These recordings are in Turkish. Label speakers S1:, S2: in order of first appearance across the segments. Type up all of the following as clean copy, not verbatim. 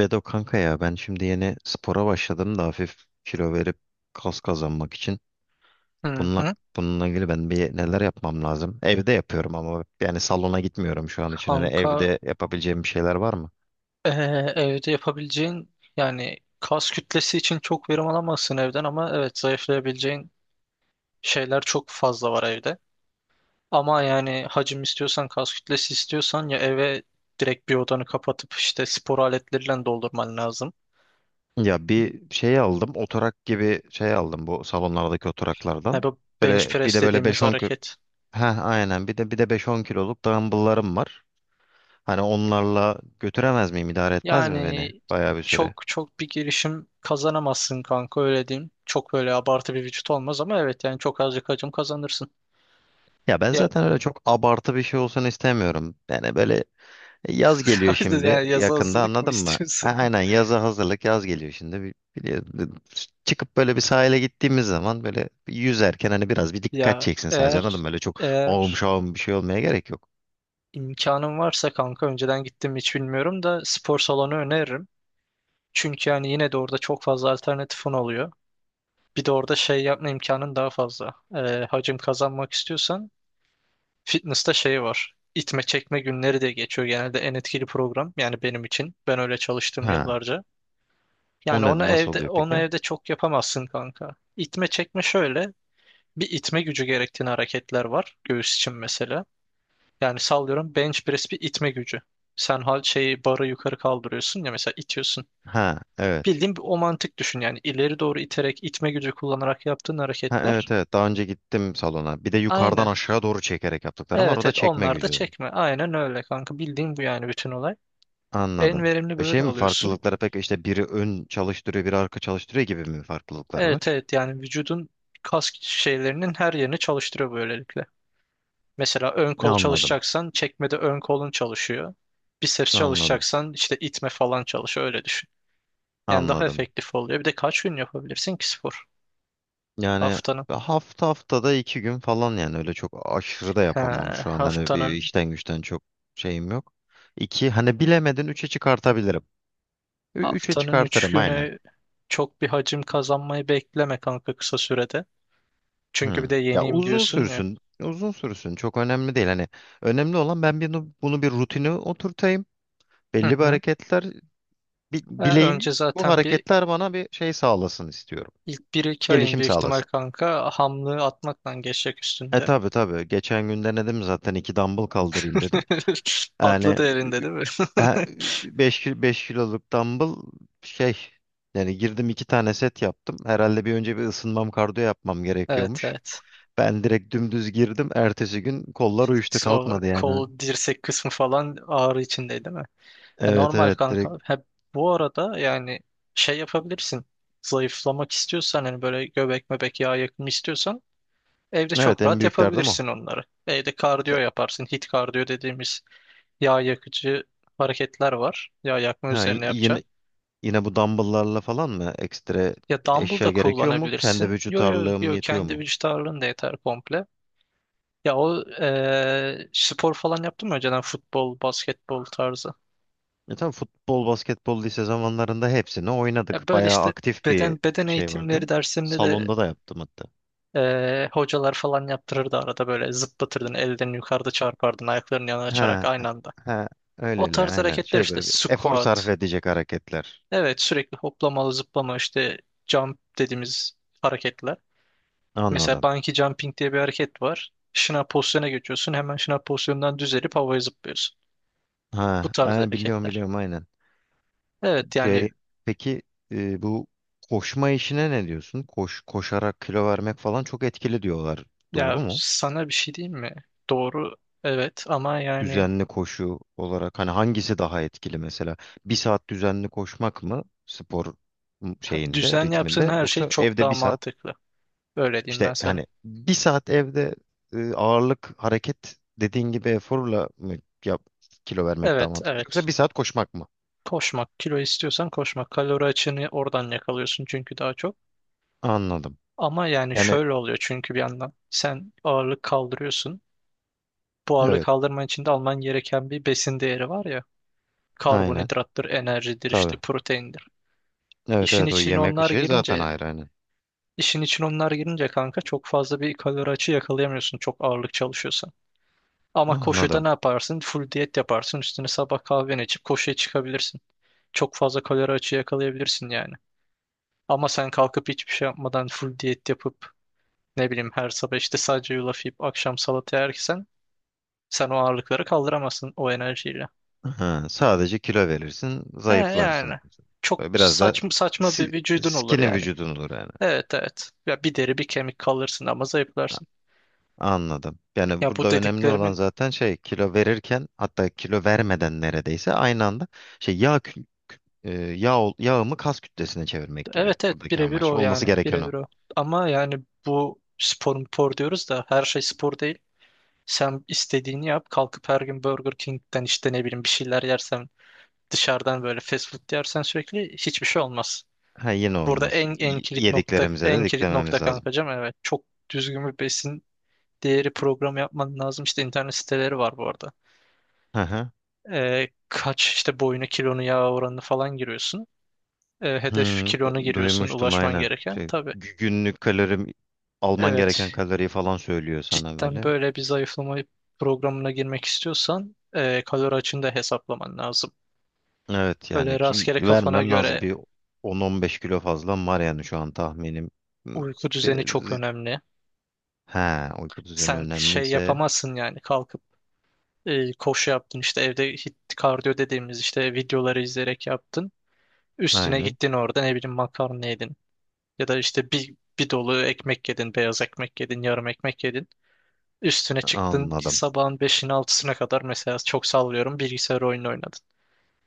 S1: Bedo kanka ya ben şimdi yeni spora başladım da hafif kilo verip kas kazanmak için.
S2: Hı
S1: Bununla,
S2: hı.
S1: bununla ilgili ben bir neler yapmam lazım? Evde yapıyorum ama yani salona gitmiyorum şu an için. Hani
S2: Kanka
S1: evde yapabileceğim bir şeyler var mı?
S2: evde yapabileceğin yani kas kütlesi için çok verim alamazsın evden ama evet zayıflayabileceğin şeyler çok fazla var evde. Ama yani hacim istiyorsan kas kütlesi istiyorsan ya eve direkt bir odanı kapatıp işte spor aletleriyle doldurman lazım.
S1: Ya bir şey aldım oturak gibi şey aldım bu salonlardaki
S2: Ya
S1: oturaklardan.
S2: bu bench
S1: Böyle bir
S2: press
S1: de böyle
S2: dediğimiz
S1: 5-10 kilo.
S2: hareket.
S1: Heh, aynen bir de 5-10 kiloluk dumbbell'larım var. Hani onlarla götüremez miyim, idare etmez mi beni
S2: Yani
S1: bayağı bir süre?
S2: çok çok bir girişim kazanamazsın kanka öyle diyeyim. Çok böyle abartı bir vücut olmaz ama evet yani çok azıcık hacim kazanırsın.
S1: Ya ben
S2: Ya
S1: zaten öyle çok abartı bir şey olsun istemiyorum. Yani böyle yaz geliyor şimdi
S2: Yani yazı
S1: yakında,
S2: hazırlık mı
S1: anladın mı? A-
S2: istiyorsun?
S1: Aynen yaza hazırlık, yaz geliyor şimdi. Biliyorum. Çıkıp böyle bir sahile gittiğimiz zaman böyle yüzerken hani biraz bir dikkat
S2: Ya
S1: çeksin sadece, anladın
S2: eğer
S1: mı? Böyle çok ağım
S2: eğer
S1: şağım bir şey olmaya gerek yok.
S2: imkanım varsa kanka önceden gittim mi hiç bilmiyorum da spor salonu öneririm. Çünkü yani yine de orada çok fazla alternatifin oluyor. Bir de orada şey yapma imkanın daha fazla. Hacim kazanmak istiyorsan fitness'ta şey var. İtme çekme günleri de geçiyor genelde en etkili program yani benim için. Ben öyle çalıştım
S1: Ha.
S2: yıllarca.
S1: O
S2: Yani onu
S1: ne, nasıl
S2: evde
S1: oluyor
S2: onu
S1: peki?
S2: evde çok yapamazsın kanka. İtme çekme şöyle. Bir itme gücü gerektiğini hareketler var göğüs için mesela. Yani sallıyorum bench press bir itme gücü. Sen hal şeyi barı yukarı kaldırıyorsun ya mesela itiyorsun.
S1: Ha, evet.
S2: Bildiğin bir o mantık düşün yani ileri doğru iterek itme gücü kullanarak yaptığın
S1: Ha
S2: hareketler.
S1: evet, evet, daha önce gittim salona. Bir de yukarıdan
S2: Aynen.
S1: aşağı doğru çekerek yaptıklarım var.
S2: Evet
S1: O da
S2: evet
S1: çekme
S2: onlar da
S1: gücü.
S2: çekme. Aynen öyle kanka bildiğin bu yani bütün olay. En
S1: Anladım.
S2: verimli
S1: Şey
S2: böyle
S1: mi,
S2: alıyorsun.
S1: farklılıkları pek işte biri ön çalıştırıyor, biri arka çalıştırıyor gibi mi farklılıkları
S2: Evet
S1: var?
S2: evet yani vücudun kas şeylerinin her yerini çalıştırıyor böylelikle. Mesela ön kol
S1: Anladım.
S2: çalışacaksan çekmede ön kolun çalışıyor. Biceps
S1: Anladım.
S2: çalışacaksan işte itme falan çalışıyor öyle düşün. Yani daha
S1: Anladım.
S2: efektif oluyor. Bir de kaç gün yapabilirsin ki spor?
S1: Yani
S2: Haftanın.
S1: haftada 2 gün falan, yani öyle çok aşırı da
S2: He,
S1: yapamam şu an. Hani bir
S2: haftanın
S1: işten güçten çok şeyim yok. İki, hani bilemedin 3'e çıkartabilirim. Üçe
S2: haftanın 3
S1: çıkartırım aynen.
S2: günü çok bir hacim kazanmayı bekleme kanka kısa sürede. Çünkü bir
S1: Hı.
S2: de
S1: Ya
S2: yeniyim
S1: uzun
S2: diyorsun ya.
S1: sürsün. Uzun sürsün. Çok önemli değil. Hani önemli olan bunu bir rutine oturtayım.
S2: Hı
S1: Belli bir
S2: hı.
S1: hareketler bi- bileyim
S2: Önce
S1: bu
S2: zaten bir
S1: hareketler bana bir şey sağlasın istiyorum.
S2: ilk bir iki ayın
S1: Gelişim
S2: büyük ihtimal
S1: sağlasın.
S2: kanka hamlığı atmakla geçecek
S1: E
S2: üstünde.
S1: tabii, tabi. Geçen gün denedim zaten, 2 dumbbell kaldırayım dedim. Yani
S2: Patladı elinde değil mi?
S1: 5 kiloluk dumbbell şey, yani girdim, iki tane set yaptım. Herhalde bir önce bir ısınmam, kardiyo yapmam
S2: Evet
S1: gerekiyormuş.
S2: evet.
S1: Ben direkt dümdüz girdim. Ertesi gün kollar uyuştu,
S2: İşte o
S1: kalkmadı yani.
S2: kol dirsek kısmı falan ağrı içindeydi değil mi? Ya
S1: Evet,
S2: normal
S1: evet,
S2: kanka.
S1: direkt.
S2: Hep bu arada yani şey yapabilirsin. Zayıflamak istiyorsan hani böyle göbek mebek yağ yakımı istiyorsan evde
S1: Evet,
S2: çok
S1: en
S2: rahat
S1: büyüklerdim o.
S2: yapabilirsin onları. Evde kardiyo
S1: İşte,
S2: yaparsın. Hit kardiyo dediğimiz yağ yakıcı hareketler var. Yağ yakma
S1: ha, y-
S2: üzerine
S1: yine
S2: yapacağın.
S1: Yine bu dumbbell'larla falan mı? Ekstra
S2: Ya dumbbell
S1: eşya
S2: da
S1: gerekiyor mu? Kendi
S2: kullanabilirsin.
S1: vücut
S2: Yo yo
S1: ağırlığım
S2: yo
S1: yetiyor
S2: kendi
S1: mu?
S2: vücut ağırlığın da yeter komple. Ya o spor falan yaptın mı önceden futbol, basketbol tarzı?
S1: E tabii, futbol, basketbol, lise zamanlarında hepsini oynadık.
S2: Ya böyle
S1: Bayağı
S2: işte
S1: aktif bir
S2: beden
S1: şey
S2: eğitimleri
S1: vardı.
S2: dersinde de
S1: Salonda da yaptım hatta.
S2: hocalar falan yaptırırdı arada böyle zıplatırdın ellerini yukarıda çarpardın ayaklarını yana açarak
S1: Ha,
S2: aynı anda.
S1: ha,
S2: O
S1: öyleli
S2: tarz
S1: aynen.
S2: hareketler
S1: Şey,
S2: işte
S1: böyle bir efor sarf
S2: squat.
S1: edecek hareketler.
S2: Evet sürekli hoplamalı zıplama işte jump dediğimiz hareketler. Mesela
S1: Anladım.
S2: bungee jumping diye bir hareket var. Şınav pozisyona geçiyorsun hemen şınav pozisyonundan düzelip havaya zıplıyorsun. Bu
S1: Ha,
S2: tarz
S1: ha, biliyorum
S2: hareketler.
S1: biliyorum aynen.
S2: Evet yani
S1: Şey, peki, bu koşma işine ne diyorsun? Koşarak kilo vermek falan çok etkili diyorlar. Doğru
S2: ya
S1: mu?
S2: sana bir şey diyeyim mi? Doğru evet ama yani
S1: Düzenli koşu olarak, hani hangisi daha etkili mesela? Bir saat düzenli koşmak mı spor şeyinde,
S2: düzen yaptığın
S1: ritminde,
S2: her şey
S1: yoksa
S2: çok
S1: evde
S2: daha
S1: bir saat,
S2: mantıklı. Öyle diyeyim
S1: işte
S2: ben sana.
S1: hani bir saat evde ağırlık hareket dediğin gibi eforla mı yap, kilo vermek daha
S2: Evet,
S1: mantıklı,
S2: evet.
S1: yoksa bir saat koşmak mı?
S2: Koşmak, kilo istiyorsan koşmak. Kalori açığını oradan yakalıyorsun çünkü daha çok.
S1: Anladım.
S2: Ama yani
S1: Yani
S2: şöyle oluyor çünkü bir yandan. Sen ağırlık kaldırıyorsun. Bu ağırlık
S1: evet,
S2: kaldırman için de alman gereken bir besin değeri var ya.
S1: aynen,
S2: Karbonhidrattır, enerjidir, işte
S1: tabii.
S2: proteindir.
S1: Evet
S2: İşin
S1: evet, o
S2: içine
S1: yemek
S2: onlar
S1: işi zaten
S2: girince,
S1: ayrı hani.
S2: işin için onlar girince kanka çok fazla bir kalori açığı yakalayamıyorsun çok ağırlık çalışıyorsan. Ama koşuda
S1: Anladım.
S2: ne yaparsın? Full diyet yaparsın. Üstüne sabah kahveni içip koşuya çıkabilirsin. Çok fazla kalori açığı yakalayabilirsin yani. Ama sen kalkıp hiçbir şey yapmadan full diyet yapıp ne bileyim her sabah işte sadece yulaf yiyip akşam salata yersen sen o ağırlıkları kaldıramazsın o enerjiyle.
S1: Ha, sadece kilo verirsin,
S2: He yani
S1: zayıflarsın.
S2: çok
S1: Böyle biraz da
S2: saçma saçma bir
S1: si-
S2: vücudun olur
S1: skinny
S2: yani.
S1: vücudun olur yani.
S2: Evet evet. Ya bir deri bir kemik kalırsın ama zayıflarsın.
S1: Anladım. Yani
S2: Ya bu
S1: burada önemli olan
S2: dediklerimin
S1: zaten şey, kilo verirken hatta kilo vermeden neredeyse aynı anda şey, yağımı kas kütlesine çevirmek gibi,
S2: evet evet
S1: buradaki
S2: birebir
S1: amaç.
S2: o
S1: Olması
S2: yani
S1: gereken
S2: birebir
S1: o.
S2: o. Ama yani bu spor mu spor diyoruz da her şey spor değil. Sen istediğini yap kalkıp her gün Burger King'den işte ne bileyim bir şeyler yersen dışarıdan böyle fast food yersen sürekli hiçbir şey olmaz.
S1: Ha, yine
S2: Burada
S1: olmaz.
S2: en
S1: Y-
S2: kilit nokta
S1: Yediklerimize
S2: en
S1: de
S2: kilit
S1: diklememiz
S2: nokta
S1: lazım.
S2: kankacığım evet çok düzgün bir besin değeri programı yapman lazım. İşte internet siteleri var bu arada.
S1: Hı hı.
S2: Kaç işte boyunu kilonu yağ oranını falan giriyorsun. Hedef
S1: Hmm,
S2: kilonu giriyorsun
S1: duymuştum
S2: ulaşman
S1: aynen.
S2: gereken
S1: Şey,
S2: tabii.
S1: günlük kalorim, alman gereken
S2: Evet,
S1: kaloriyi falan söylüyor sana
S2: cidden
S1: böyle.
S2: böyle bir zayıflama programına girmek istiyorsan kalori açığını da hesaplaman lazım.
S1: Evet yani
S2: Öyle
S1: ki
S2: rastgele kafana
S1: vermem lazım,
S2: göre
S1: bir 10-15 kilo fazla var yani şu an tahminim. Hmm,
S2: uyku düzeni çok
S1: bir-
S2: önemli.
S1: he, uyku düzeni
S2: Sen şey
S1: önemliyse
S2: yapamazsın yani kalkıp koşu yaptın işte evde hit kardiyo dediğimiz işte videoları izleyerek yaptın. Üstüne
S1: aynen,
S2: gittin orada ne bileyim makarna yedin ya da işte bir dolu ekmek yedin, beyaz ekmek yedin, yarım ekmek yedin. Üstüne çıktın
S1: anladım.
S2: sabahın 5'ine altısına kadar mesela çok sallıyorum bilgisayar oyunu oynadın.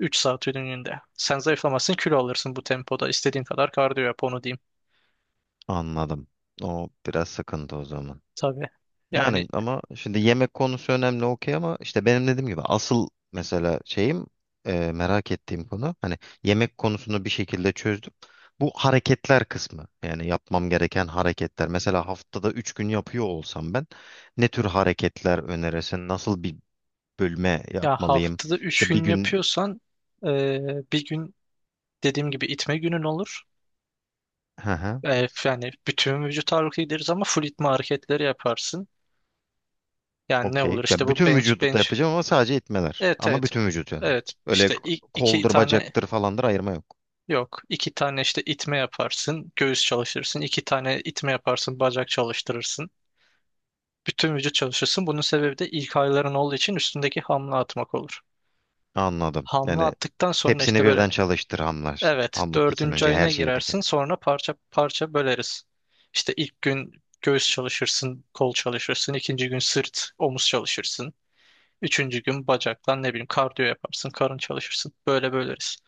S2: 3 saat ürününde. Sen zayıflamazsın kilo alırsın bu tempoda. İstediğin kadar kardiyo yap onu diyeyim.
S1: Anladım. O biraz sıkıntı o zaman.
S2: Tabii. Yani
S1: Yani ama şimdi yemek konusu önemli okey, ama işte benim dediğim gibi asıl mesela şeyim, merak ettiğim konu hani, yemek konusunu bir şekilde çözdüm. Bu hareketler kısmı, yani yapmam gereken hareketler. Mesela haftada 3 gün yapıyor olsam ben, ne tür hareketler önerirsin? Nasıl bir bölme
S2: ya
S1: yapmalıyım?
S2: haftada 3
S1: İşte bir
S2: gün
S1: gün
S2: yapıyorsan bir gün dediğim gibi itme günün olur. Yani bütün vücut ağırlıklı gideriz ama full itme hareketleri yaparsın. Yani ne
S1: okey.
S2: olur işte
S1: Ben
S2: bu
S1: bütün
S2: bench
S1: vücudu da
S2: bench.
S1: yapacağım ama sadece itmeler.
S2: Evet
S1: Ama
S2: evet.
S1: bütün vücut yani.
S2: Evet
S1: Öyle
S2: işte iki
S1: koldur,
S2: tane
S1: bacaktır falandır ayırma yok.
S2: yok. İki tane işte itme yaparsın. Göğüs çalıştırırsın. İki tane itme yaparsın. Bacak çalıştırırsın. Bütün vücut çalışırsın. Bunun sebebi de ilk ağrıların olduğu için üstündeki hamle atmak olur.
S1: Anladım.
S2: Hamle
S1: Yani
S2: attıktan sonra
S1: hepsini
S2: işte böyle
S1: birden çalıştır hamlar.
S2: evet
S1: Hamlık gitsin
S2: dördüncü
S1: önce her
S2: ayına
S1: şeyi.
S2: girersin sonra parça parça böleriz. İşte ilk gün göğüs çalışırsın, kol çalışırsın. İkinci gün sırt, omuz çalışırsın. Üçüncü gün bacakla ne bileyim kardiyo yaparsın, karın çalışırsın. Böyle böleriz.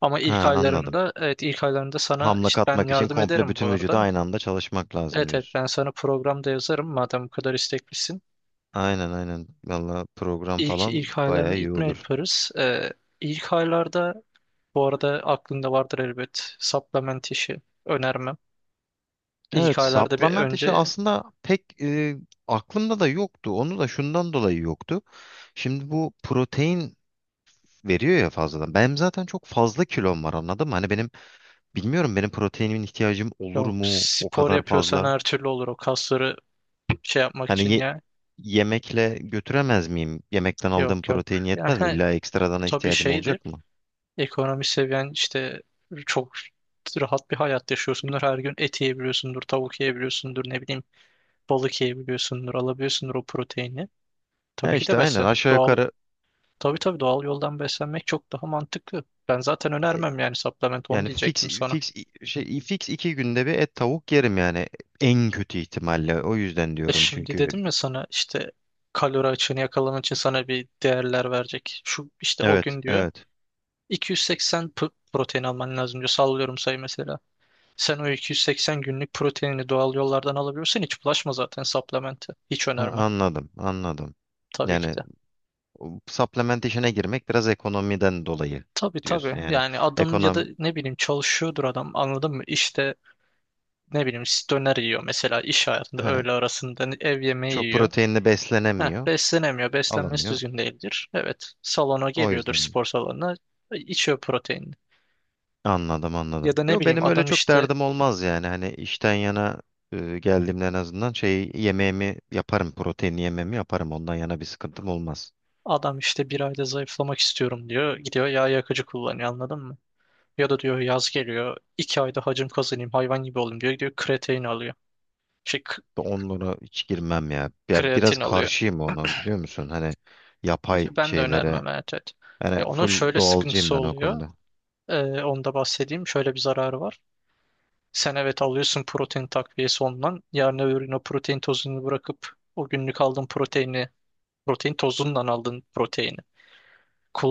S2: Ama ilk
S1: Ha, anladım.
S2: aylarında evet ilk aylarında sana
S1: Hamlık
S2: işte ben
S1: atmak için
S2: yardım
S1: komple
S2: ederim bu
S1: bütün vücudu
S2: arada.
S1: aynı anda çalışmak lazım
S2: Evet evet
S1: diyorsun.
S2: ben sana programda yazarım madem bu kadar isteklisin.
S1: Aynen aynen. Valla program
S2: İlk
S1: falan
S2: ilk aylarını
S1: bayağı iyi
S2: itme
S1: olur.
S2: yaparız. İlk aylarda bu arada aklında vardır elbet supplement işi önermem. İlk
S1: Evet,
S2: aylarda bir
S1: supplement işi
S2: önce
S1: aslında pek aklımda da yoktu. Onu da şundan dolayı yoktu. Şimdi bu protein veriyor ya fazladan. Benim zaten çok fazla kilom var, anladın mı? Hani benim bilmiyorum, benim proteinimin ihtiyacım olur
S2: yok
S1: mu o
S2: spor
S1: kadar
S2: yapıyorsan
S1: fazla?
S2: her türlü olur o kasları şey yapmak
S1: Hani
S2: için ya.
S1: yemekle götüremez miyim? Yemekten aldığım
S2: Yok yok.
S1: protein
S2: Yani
S1: yetmez mi?
S2: he,
S1: İlla ekstradan
S2: tabii
S1: ihtiyacım
S2: şeydir.
S1: olacak mı?
S2: Ekonomi seviyen işte çok rahat bir hayat yaşıyorsundur. Her gün et yiyebiliyorsundur, tavuk yiyebiliyorsundur, ne bileyim balık yiyebiliyorsundur, alabiliyorsundur o proteini.
S1: Ya
S2: Tabii ki
S1: işte
S2: de
S1: aynen
S2: beslen.
S1: aşağı
S2: Doğal
S1: yukarı,
S2: tabii tabii doğal yoldan beslenmek çok daha mantıklı. Ben zaten
S1: e,
S2: önermem yani supplement onu
S1: yani
S2: diyecektim sana.
S1: fix fix 2 günde bir et tavuk yerim yani, en kötü ihtimalle. O yüzden
S2: E
S1: diyorum
S2: şimdi
S1: çünkü.
S2: dedim ya sana işte kalori açığını yakalaman için sana bir değerler verecek. Şu işte o
S1: Evet,
S2: gün diyor
S1: evet.
S2: 280 protein alman lazım diyor. Sallıyorum sayı mesela. Sen o 280 günlük proteinini doğal yollardan alabiliyorsan hiç bulaşma zaten supplement'e. Hiç
S1: Ha,
S2: önermem
S1: anladım, anladım.
S2: tabii ki
S1: Yani
S2: de.
S1: Supplementation'a girmek biraz ekonomiden dolayı
S2: Tabii
S1: diyorsun
S2: tabii
S1: yani.
S2: yani adam ya da
S1: Ekonom,
S2: ne bileyim çalışıyordur adam anladın mı? İşte ne bileyim döner yiyor mesela iş hayatında
S1: he,
S2: öğle arasında ev yemeği
S1: çok
S2: yiyor.
S1: proteinli
S2: Heh,
S1: beslenemiyor,
S2: beslenemiyor. Beslenmesi
S1: alamıyor.
S2: düzgün değildir. Evet. Salona
S1: O
S2: geliyordur
S1: yüzden
S2: spor salonuna. İçiyor proteinini.
S1: anladım, anladım.
S2: Ya da ne
S1: Yo,
S2: bileyim
S1: benim öyle
S2: adam
S1: çok
S2: işte
S1: derdim olmaz yani. Hani işten yana geldiğimde en azından şey, yemeğimi yaparım, proteinli yemeğimi yaparım. Ondan yana bir sıkıntım olmaz.
S2: adam işte bir ayda zayıflamak istiyorum diyor. Gidiyor yağ yakıcı kullanıyor anladın mı? Ya da diyor yaz geliyor. İki ayda hacim kazanayım hayvan gibi olayım diyor. Gidiyor kreatin alıyor. Şey k-
S1: Onlara hiç girmem ya. Ya biraz
S2: Kreatin alıyor.
S1: karşıyım ona, biliyor musun? Hani yapay
S2: Ya ben de
S1: şeylere.
S2: önermem evet, evet.
S1: Yani
S2: Ya onun
S1: full
S2: şöyle
S1: doğalcıyım
S2: sıkıntısı
S1: ben o
S2: oluyor.
S1: konuda.
S2: Ee, Onu da bahsedeyim. Şöyle bir zararı var. Sen evet alıyorsun protein takviyesi ondan. Yarın öbür gün o protein tozunu bırakıp o günlük aldığın proteini, protein tozundan aldığın proteini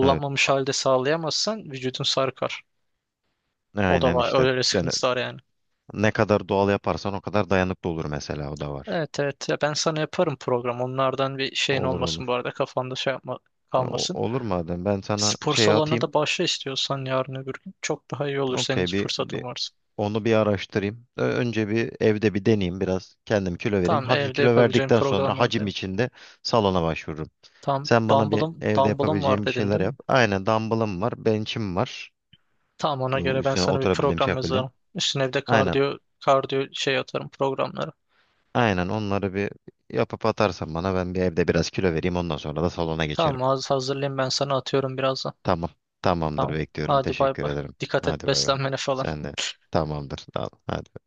S1: Evet.
S2: halde sağlayamazsan vücudun sarkar. O da
S1: Aynen
S2: var.
S1: işte.
S2: Öyle
S1: Yani
S2: sıkıntısı var yani.
S1: ne kadar doğal yaparsan o kadar dayanıklı olur mesela, o da var.
S2: Evet evet. Ya ben sana yaparım program. Onlardan bir şeyin
S1: Olur, olur.
S2: olmasın bu arada. Kafanda şey yapma kalmasın.
S1: Olur madem, ben sana
S2: Spor
S1: şey
S2: salonuna
S1: atayım.
S2: da başla istiyorsan yarın öbür gün. Çok daha iyi olur senin
S1: Okey bir,
S2: fırsatın
S1: bir
S2: varsa.
S1: onu bir araştırayım. Önce bir evde bir deneyeyim, biraz kendim kilo vereyim.
S2: Tamam
S1: Hafif
S2: evde
S1: kilo
S2: yapabileceğin
S1: verdikten
S2: program
S1: sonra
S2: vardı
S1: hacim
S2: ya.
S1: içinde salona başvururum.
S2: Tamam.
S1: Sen bana bir
S2: Dumbbell'ım,
S1: evde
S2: dumbbell'ım var
S1: yapabileceğim bir
S2: dedin
S1: şeyler
S2: değil mi?
S1: yap. Aynen, dumbbellım var, bench'im var.
S2: Tamam ona
S1: Bu
S2: göre ben
S1: üstüne
S2: sana bir
S1: oturabildiğim, şey
S2: program
S1: yapabildiğim.
S2: yazarım. Üstüne bir de
S1: Aynen.
S2: kardiyo şey atarım programları.
S1: Aynen, onları bir yapıp atarsan bana, ben bir evde biraz kilo vereyim, ondan sonra da salona geçerim.
S2: Tamam az hazırlayayım ben sana atıyorum birazdan.
S1: Tamam. Tamamdır,
S2: Tamam.
S1: bekliyorum.
S2: Hadi bay
S1: Teşekkür
S2: bay.
S1: ederim.
S2: Dikkat et
S1: Hadi, bay bay.
S2: beslenmene falan.
S1: Sen de tamamdır. Al. Hadi.